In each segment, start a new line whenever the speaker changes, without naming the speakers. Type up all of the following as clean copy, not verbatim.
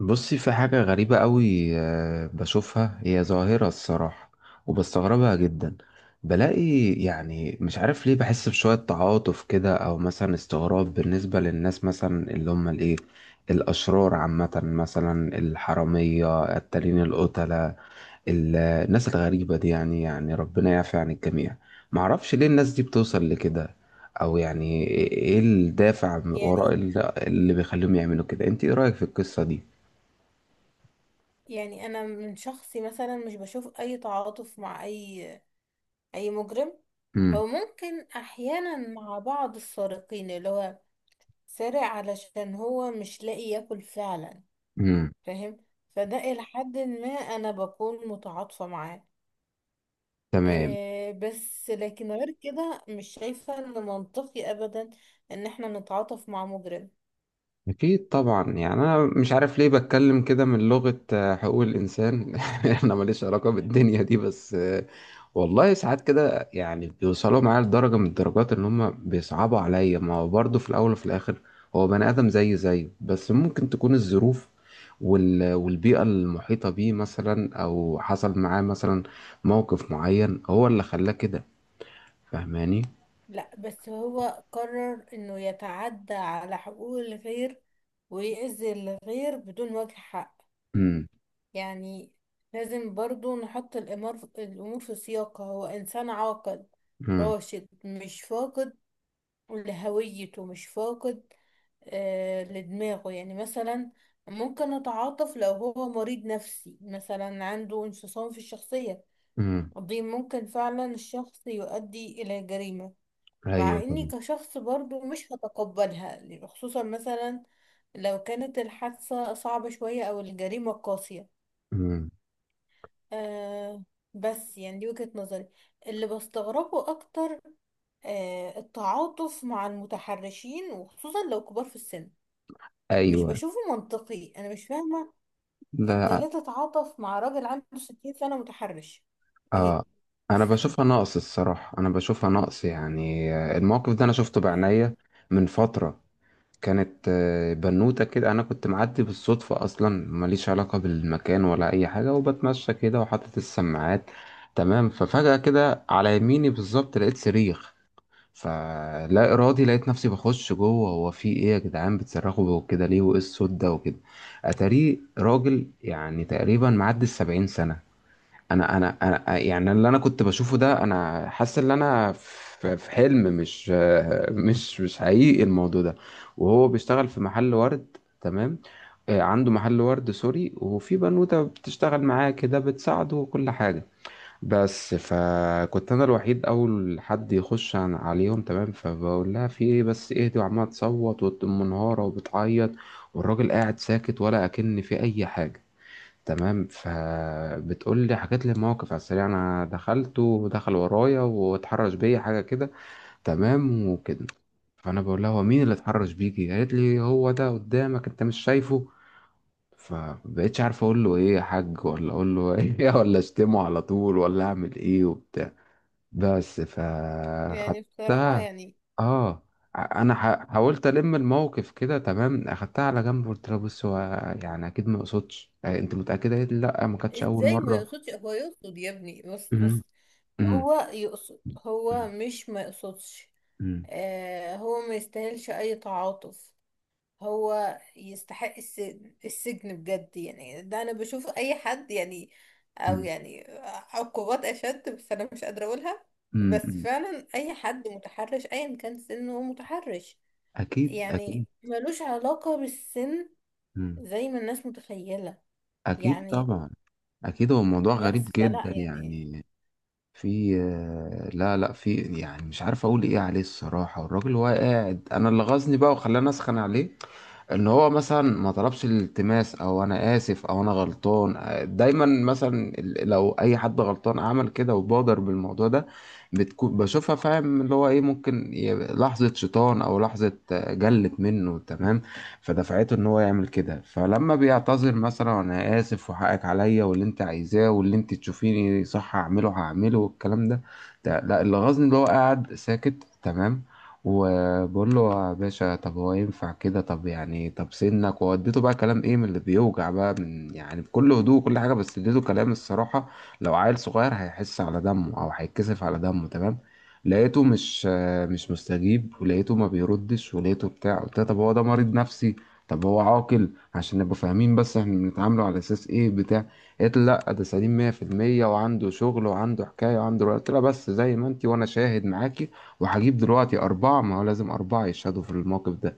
بصي في حاجة غريبة قوي بشوفها هي ظاهرة الصراحة، وبستغربها جدا. بلاقي يعني مش عارف ليه بحس بشوية تعاطف كده، أو مثلا استغراب بالنسبة للناس مثلا اللي هم الإيه، الأشرار عامة، مثلا الحرامية التالين القتلة، الناس الغريبة دي، يعني ربنا يعفي عن الجميع. معرفش ليه الناس دي بتوصل لكده، أو يعني إيه الدافع وراء
يعني
اللي بيخليهم يعملوا كده. أنت إيه رأيك في القصة دي؟
يعني انا من شخصي مثلا مش بشوف اي تعاطف مع اي مجرم.
امم
هو ممكن احيانا مع بعض السارقين اللي هو سارق علشان هو مش لاقي ياكل فعلا،
امم.
فاهم؟ فده الى حد ما انا بكون متعاطفة معاه.
تمام.
إيه بس لكن غير كده مش شايفة ان منطقي ابدا ان احنا نتعاطف مع مجرم.
اكيد طبعا، يعني انا مش عارف ليه بتكلم كده من لغة حقوق الانسان. انا ماليش علاقة بالدنيا دي، بس والله ساعات كده يعني بيوصلوا معايا لدرجة من الدرجات، ان هم بيصعبوا عليا. ما هو برضه في الاول وفي الاخر هو بني ادم زي زيه، بس ممكن تكون الظروف والبيئة المحيطة بيه، مثلا او حصل معاه مثلا موقف معين هو اللي خلاه كده. فاهماني؟
لا، بس هو قرر انه يتعدى على حقوق الغير ويأذي الغير بدون وجه حق.
امم
يعني لازم برضو نحط الأمور في سياقها، هو إنسان عاقل
امم
راشد، مش فاقد لهويته، مش فاقد لدماغه. يعني مثلا ممكن أتعاطف لو هو مريض نفسي، مثلا عنده انفصام في الشخصية.
امم.
دي ممكن فعلا الشخص يؤدي إلى جريمة، مع
ايوه.
اني كشخص برضو مش هتقبلها، يعني خصوصا مثلا لو كانت الحادثة صعبة شوية او الجريمة قاسية.
مم.
آه، بس يعني دي وجهة نظري. اللي بستغربه اكتر التعاطف مع المتحرشين، وخصوصا لو كبار في السن. مش
ايوه.
بشوفه منطقي، انا مش فاهمة. انت ليه
لا.
تتعاطف مع راجل عنده 60 سنة متحرش؟ ايه،
اه.
مش
انا
فاهمة.
بشوفها نقص الصراحه، انا بشوفها نقص، يعني الموقف ده انا شفته
يعني،
بعينيا من فتره. كانت بنوته كده، انا كنت معدي بالصدفه، اصلا ماليش علاقه بالمكان ولا اي حاجه، وبتمشى كده وحاطط السماعات، تمام. ففجاه كده على يميني بالظبط لقيت صريخ، فلا ارادي لقيت نفسي بخش جوه. هو في ايه يا جدعان بتصرخوا كده ليه، وايه الصوت ده وكده. اتاريه راجل يعني تقريبا معدي 70 سنة. انا يعني اللي انا كنت بشوفه ده، انا حاسس ان انا في حلم، مش مش حقيقي الموضوع ده. وهو بيشتغل في محل ورد، تمام. عنده محل ورد سوري، وفي بنوتة بتشتغل معاه كده بتساعده وكل حاجة. بس فكنت انا الوحيد اول حد يخش عليهم، تمام. فبقول لها في ايه بس اهدي، وعماله تصوت ومنهاره وبتعيط، والراجل قاعد ساكت ولا اكن في اي حاجة، تمام. فبتقول لي حكيت لي الموقف على السريع، انا دخلت ودخل ورايا واتحرش بيا حاجه كده، تمام وكده. فانا بقول لها هو مين اللي اتحرش بيكي، قالت لي هو ده قدامك، انت مش شايفه. فبقيتش عارف اقول له ايه يا حاج، ولا اقول له ايه، ولا اشتمه على طول، ولا اعمل ايه وبتاع. بس
يعني بصراحة،
فخدتها.
يعني
اه. انا حاولت الموقف كده، تمام. اخدتها على جنب، قلت لها بص هو يعني اكيد ما اقصدش، انت متاكده؟ قالت لي لا، ما كانتش اول
ازاي ما
مره.
يقصدش؟ هو يقصد يا ابني، بس
مم.
بس
مم.
هو يقصد، هو
مم.
مش ما يقصدش.
مم.
آه، هو ما يستاهلش اي تعاطف. هو يستحق السجن، السجن بجد يعني. ده انا بشوف اي حد يعني او يعني عقوبات اشد، بس انا مش قادرة اقولها.
مم.
بس
مم.
فعلا اي حد متحرش ايا كان سنه هو متحرش.
أكيد، أكيد.
يعني ملوش علاقة بالسن
مم.
زي ما الناس متخيلة.
أكيد
يعني
طبعا. أكيد، هو موضوع غريب
بس فلا
جدا
يعني.
يعني. في لا، لا، في، يعني مش عارف أقول إيه عليه الصراحة. والراجل هو قاعد، أنا اللي غزني بقى وخلاني أسخن عليه، ان هو مثلا ما طلبش الالتماس، او انا اسف، او انا غلطان. دايما مثلا لو اي حد غلطان عمل كده وبادر بالموضوع ده، بتكون بشوفها فاهم، اللي هو ايه ممكن لحظة شيطان او لحظة جلت منه، تمام، فدفعته ان هو يعمل كده. فلما بيعتذر مثلا، انا اسف وحقك عليا، واللي انت عايزاه واللي انت تشوفيني صح هعمله، هعمله والكلام ده. لا، اللي غاظني اللي هو قاعد ساكت، تمام. وبقول له يا باشا طب هو ينفع كده، طب يعني طب سنك، ووديته بقى كلام ايه من اللي بيوجع بقى، من يعني بكل هدوء وكل حاجه، بس اديته كلام الصراحه لو عيل صغير هيحس على دمه، او هيتكسف على دمه، تمام. لقيته مش مش مستجيب، ولقيته ما بيردش، ولقيته بتاع. قلت له طب هو ده مريض نفسي، طب هو عاقل، عشان نبقى فاهمين بس احنا بنتعامله على اساس ايه بتاع. قالت لي لا، ده سليم 100%، وعنده شغل وعنده حكايه وعنده. قلت لها بس زي ما انت، وانا شاهد معاكي، وهجيب دلوقتي أربعة، ما هو لازم أربعة يشهدوا في الموقف ده،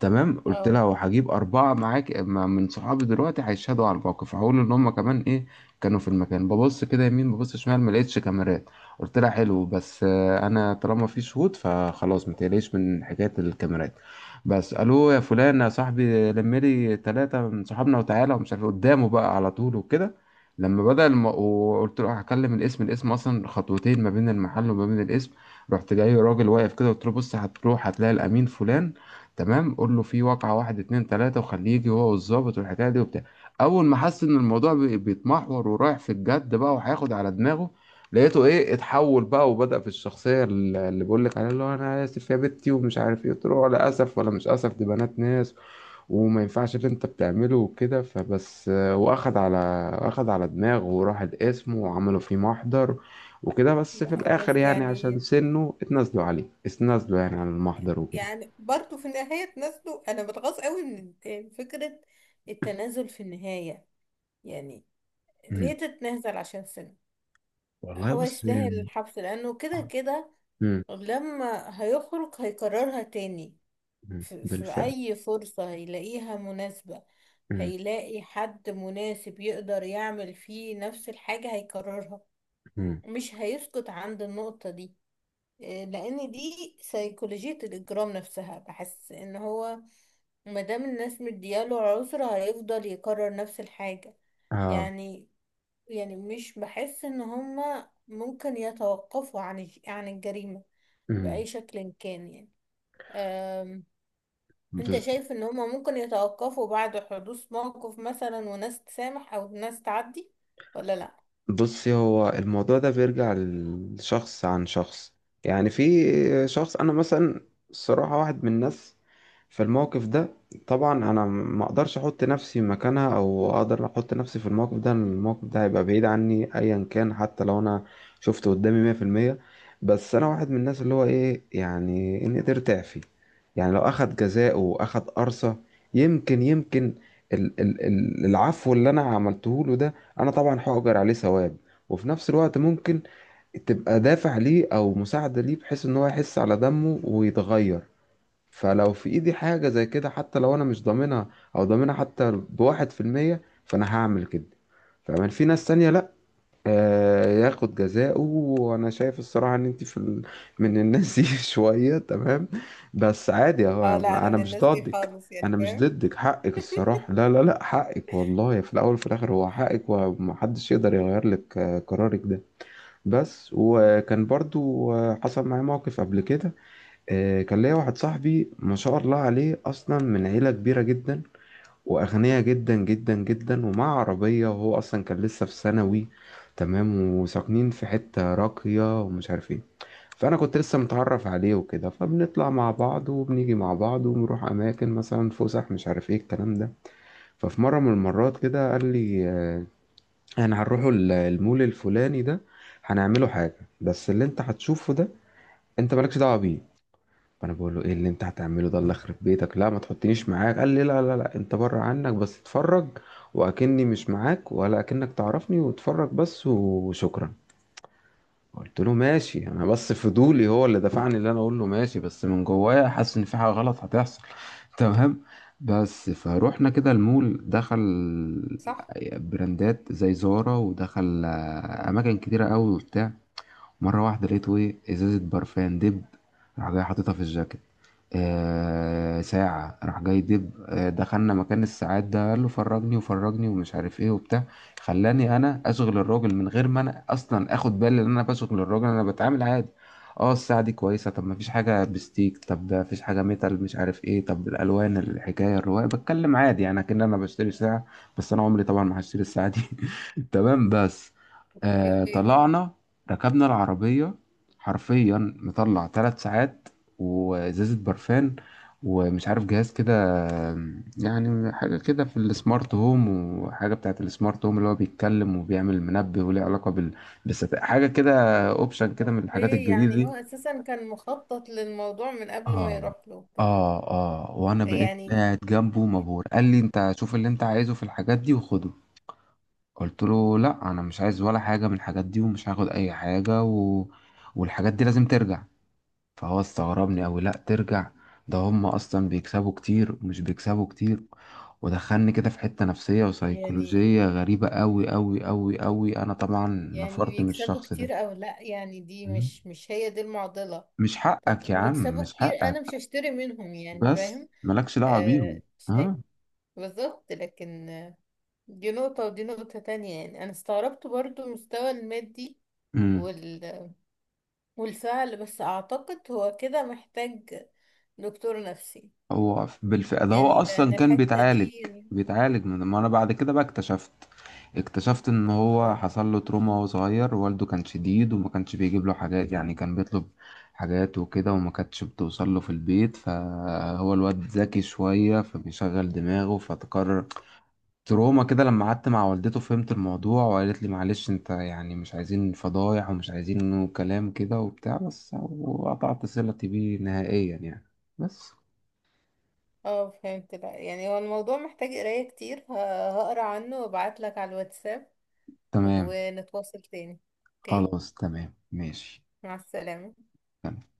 تمام. قلت لها
اه.
وهجيب أربعة معاك من صحابي دلوقتي، هيشهدوا على الموقف، هقول إن هما كمان إيه كانوا في المكان. ببص كده يمين، ببص شمال، ما لقيتش كاميرات. قلت لها حلو، بس أنا طالما في شهود فخلاص ما تقلقيش من حكاية الكاميرات. بس الو يا فلان يا صاحبي لم لي ثلاثة من صحابنا وتعالى ومش عارف إيه، قدامه بقى على طول وكده. لما بدأ وقلت له هكلم الاسم، الاسم اصلا خطوتين ما بين المحل وما بين الاسم. رحت جاي راجل واقف كده، قلت له بص هتروح هتلاقي الامين فلان، تمام، قول له في واقعة واحد اتنين تلاتة، وخليه يجي هو والظابط والحكاية دي وبتاع. أول ما حس إن الموضوع بيتمحور ورايح في الجد بقى وهياخد على دماغه، لقيته إيه اتحول بقى وبدأ في الشخصية اللي بقول لك عليها، اللي هو أنا آسف يا بنتي، ومش عارف إيه. قلت له ولا أسف ولا مش أسف، دي بنات ناس، وما ينفعش اللي أنت بتعمله وكده. فبس وأخد على، أخد على دماغه وراح القسم وعملوا فيه محضر وكده. بس في
لا
الآخر
بس
يعني عشان
يعني،
سنه اتنازلوا عليه، اتنازلوا يعني عن المحضر
يعني برضو في النهاية تنازلوا. أنا بتغاظ قوي من فكرة التنازل في النهاية. يعني ليه
وكده.
تتنازل عشان سنة؟
والله
هو
بص
يستاهل الحبس لأنه كده
آه،
كده
مم،
لما هيخرج هيكررها تاني
مم،
في
بالفعل.
أي فرصة هيلاقيها مناسبة.
مم،
هيلاقي حد مناسب يقدر يعمل فيه نفس الحاجة هيكررها،
مم،
مش هيسكت عند النقطة دي. إيه، لأن دي سيكولوجية الإجرام نفسها. بحس إن هو ما دام الناس مدياله عذر هيفضل يكرر نفس الحاجة.
اه،
يعني، يعني مش بحس ان هما ممكن يتوقفوا عن عن الجريمة
مم،
بأي شكل كان. يعني أم... انت
بالظبط.
شايف ان هما ممكن يتوقفوا بعد حدوث موقف مثلا وناس تسامح او ناس تعدي، ولا لا؟
بصي هو الموضوع ده بيرجع لشخص عن شخص، يعني في شخص، انا مثلا الصراحة واحد من الناس، في الموقف ده طبعا انا ما اقدرش احط نفسي مكانها، او اقدر احط نفسي في الموقف ده، لأن الموقف ده هيبقى بعيد عني ايا كان، حتى لو انا شفته قدامي 100%. بس انا واحد من الناس اللي هو ايه يعني، ان قدرت اعفي، يعني لو اخد جزاءه واخد قرصة، يمكن يمكن العفو اللي انا عملته له ده، انا طبعا هأجر عليه ثواب، وفي نفس الوقت ممكن تبقى دافع ليه او مساعدة ليه، بحيث ان هو يحس على دمه ويتغير. فلو في ايدي حاجة زي كده، حتى لو انا مش ضامنها، او ضامنها حتى بـ1%، فانا هعمل كده. فمن في ناس تانية لأ، ياخد جزاءه. وانا شايف الصراحه ان انت من الناس دي شويه، تمام، بس عادي اهو.
اه. لا انا
انا
من
مش
الناس دي
ضدك،
خالص، يعني
انا مش
فاهم؟
ضدك، حقك الصراحه، لا لا لا، حقك والله، في الاول وفي الاخر هو حقك، ومحدش يقدر يغير لك قرارك ده. بس وكان برضو حصل معايا موقف قبل كده. كان ليا واحد صاحبي ما شاء الله عليه، اصلا من عيله كبيره جدا، واغنية جدا جدا جدا، ومع عربية، وهو اصلا كان لسه في ثانوي، تمام، وساكنين في حتة راقية ومش عارف ايه. فانا كنت لسه متعرف عليه وكده، فبنطلع مع بعض وبنيجي مع بعض وبنروح اماكن مثلا فسح، مش عارف ايه الكلام ده. ففي مره من المرات كده قال لي احنا هنروحوا المول الفلاني ده، هنعمله حاجه، بس اللي انت هتشوفه ده انت مالكش دعوه بيه. فانا بقول له ايه اللي انت هتعمله ده، اللي خرب بيتك لا، ما تحطنيش معاك. قال لي لا لا لا، انت بره عنك بس اتفرج، واكني مش معاك، ولا اكنك تعرفني، واتفرج بس وشكرا. قلت له ماشي، انا بس فضولي هو اللي دفعني اللي انا اقول له ماشي، بس من جوايا حاسس ان في حاجه غلط هتحصل. تمام. بس فروحنا كده المول، دخل
صح.
براندات زي زارا، ودخل اماكن كتيره قوي وبتاع. مرة واحدة لقيته إيه إزازة برفان دب، راح جاي حاططها في الجاكيت. آه ساعة راح جاي دب. آه دخلنا مكان الساعات ده، قال له فرجني وفرجني، ومش عارف إيه وبتاع. خلاني أنا أشغل الراجل، من غير ما أنا أصلا آخد بالي إن أنا بشغل الراجل. أنا بتعامل عادي، اه الساعة دي كويسة، طب مفيش حاجة بستيك، طب ده مفيش حاجة ميتال، مش عارف ايه، طب الألوان، الحكاية الرواية، بتكلم عادي يعني كأن أنا بشتري ساعة، بس أنا عمري طبعا ما هشتري الساعة دي. تمام، بس آه
اوكي.
طلعنا، ركبنا العربية. حرفيا مطلع 3 ساعات، وإزازة برفان، ومش عارف جهاز كده، يعني حاجة كده في السمارت هوم، وحاجة بتاعت السمارت هوم اللي هو بيتكلم وبيعمل منبه وليه علاقة بال، بس حاجة كده، اوبشن كده من الحاجات
اوكي،
الجديدة
يعني
دي.
هو اساسا كان مخطط للموضوع من قبل ما
اه.
يروح له كده.
اه. اه وانا بقيت
يعني،
قاعد جنبه مبهور، قال لي انت شوف اللي انت عايزه في الحاجات دي وخده. قلت له لا انا مش عايز ولا حاجة من الحاجات دي، ومش هاخد اي حاجة، و... والحاجات دي لازم ترجع. فهو استغربني أوي، لأ ترجع، ده هم أصلا بيكسبوا كتير، ومش بيكسبوا كتير. ودخلني كده في حتة نفسية
يعني
وسيكولوجية غريبة، أوي أوي أوي أوي. أنا طبعا
يعني
نفرت من
بيكسبوا
الشخص ده.
كتير او لا، يعني دي
مم.
مش هي دي المعضلة.
مش حقك يا
طب
عم،
بيكسبوا
مش
كتير انا مش
حقك،
هشتري منهم، يعني
بس
فاهم؟
مالكش دعوة بيهم.
آه شيء. بالظبط، لكن آه، دي نقطة ودي نقطة تانية. يعني انا استغربت برضو المستوى المادي
ها.
وال... والفعل، بس اعتقد هو كده محتاج دكتور نفسي.
هو بالفعل ده، هو
يعني لان
اصلا كان
الحتة
بيتعالج،
دي يعني.
بيتعالج من، ما انا بعد كده بقى اكتشفت، اكتشفت ان هو
اه.
حصل له تروما وهو صغير، والده كان شديد، وما كانش بيجيب له حاجات، يعني كان بيطلب حاجات وكده، وما كانتش بتوصل له في البيت، فهو الواد ذكي شوية فبيشغل دماغه، فتقرر تروما كده. لما قعدت مع والدته فهمت الموضوع، وقالت لي معلش انت، يعني مش عايزين فضايح ومش عايزين انه كلام كده وبتاع، بس. وقطعت صلتي بيه نهائيا يعني، بس.
آه، فهمت بقى. يعني هو الموضوع محتاج قراية كتير، هقرا عنه وابعتلك على الواتساب
تمام.
ونتواصل تاني. اوكي.
خلاص، تمام، ماشي.
مع السلامة.
تمام.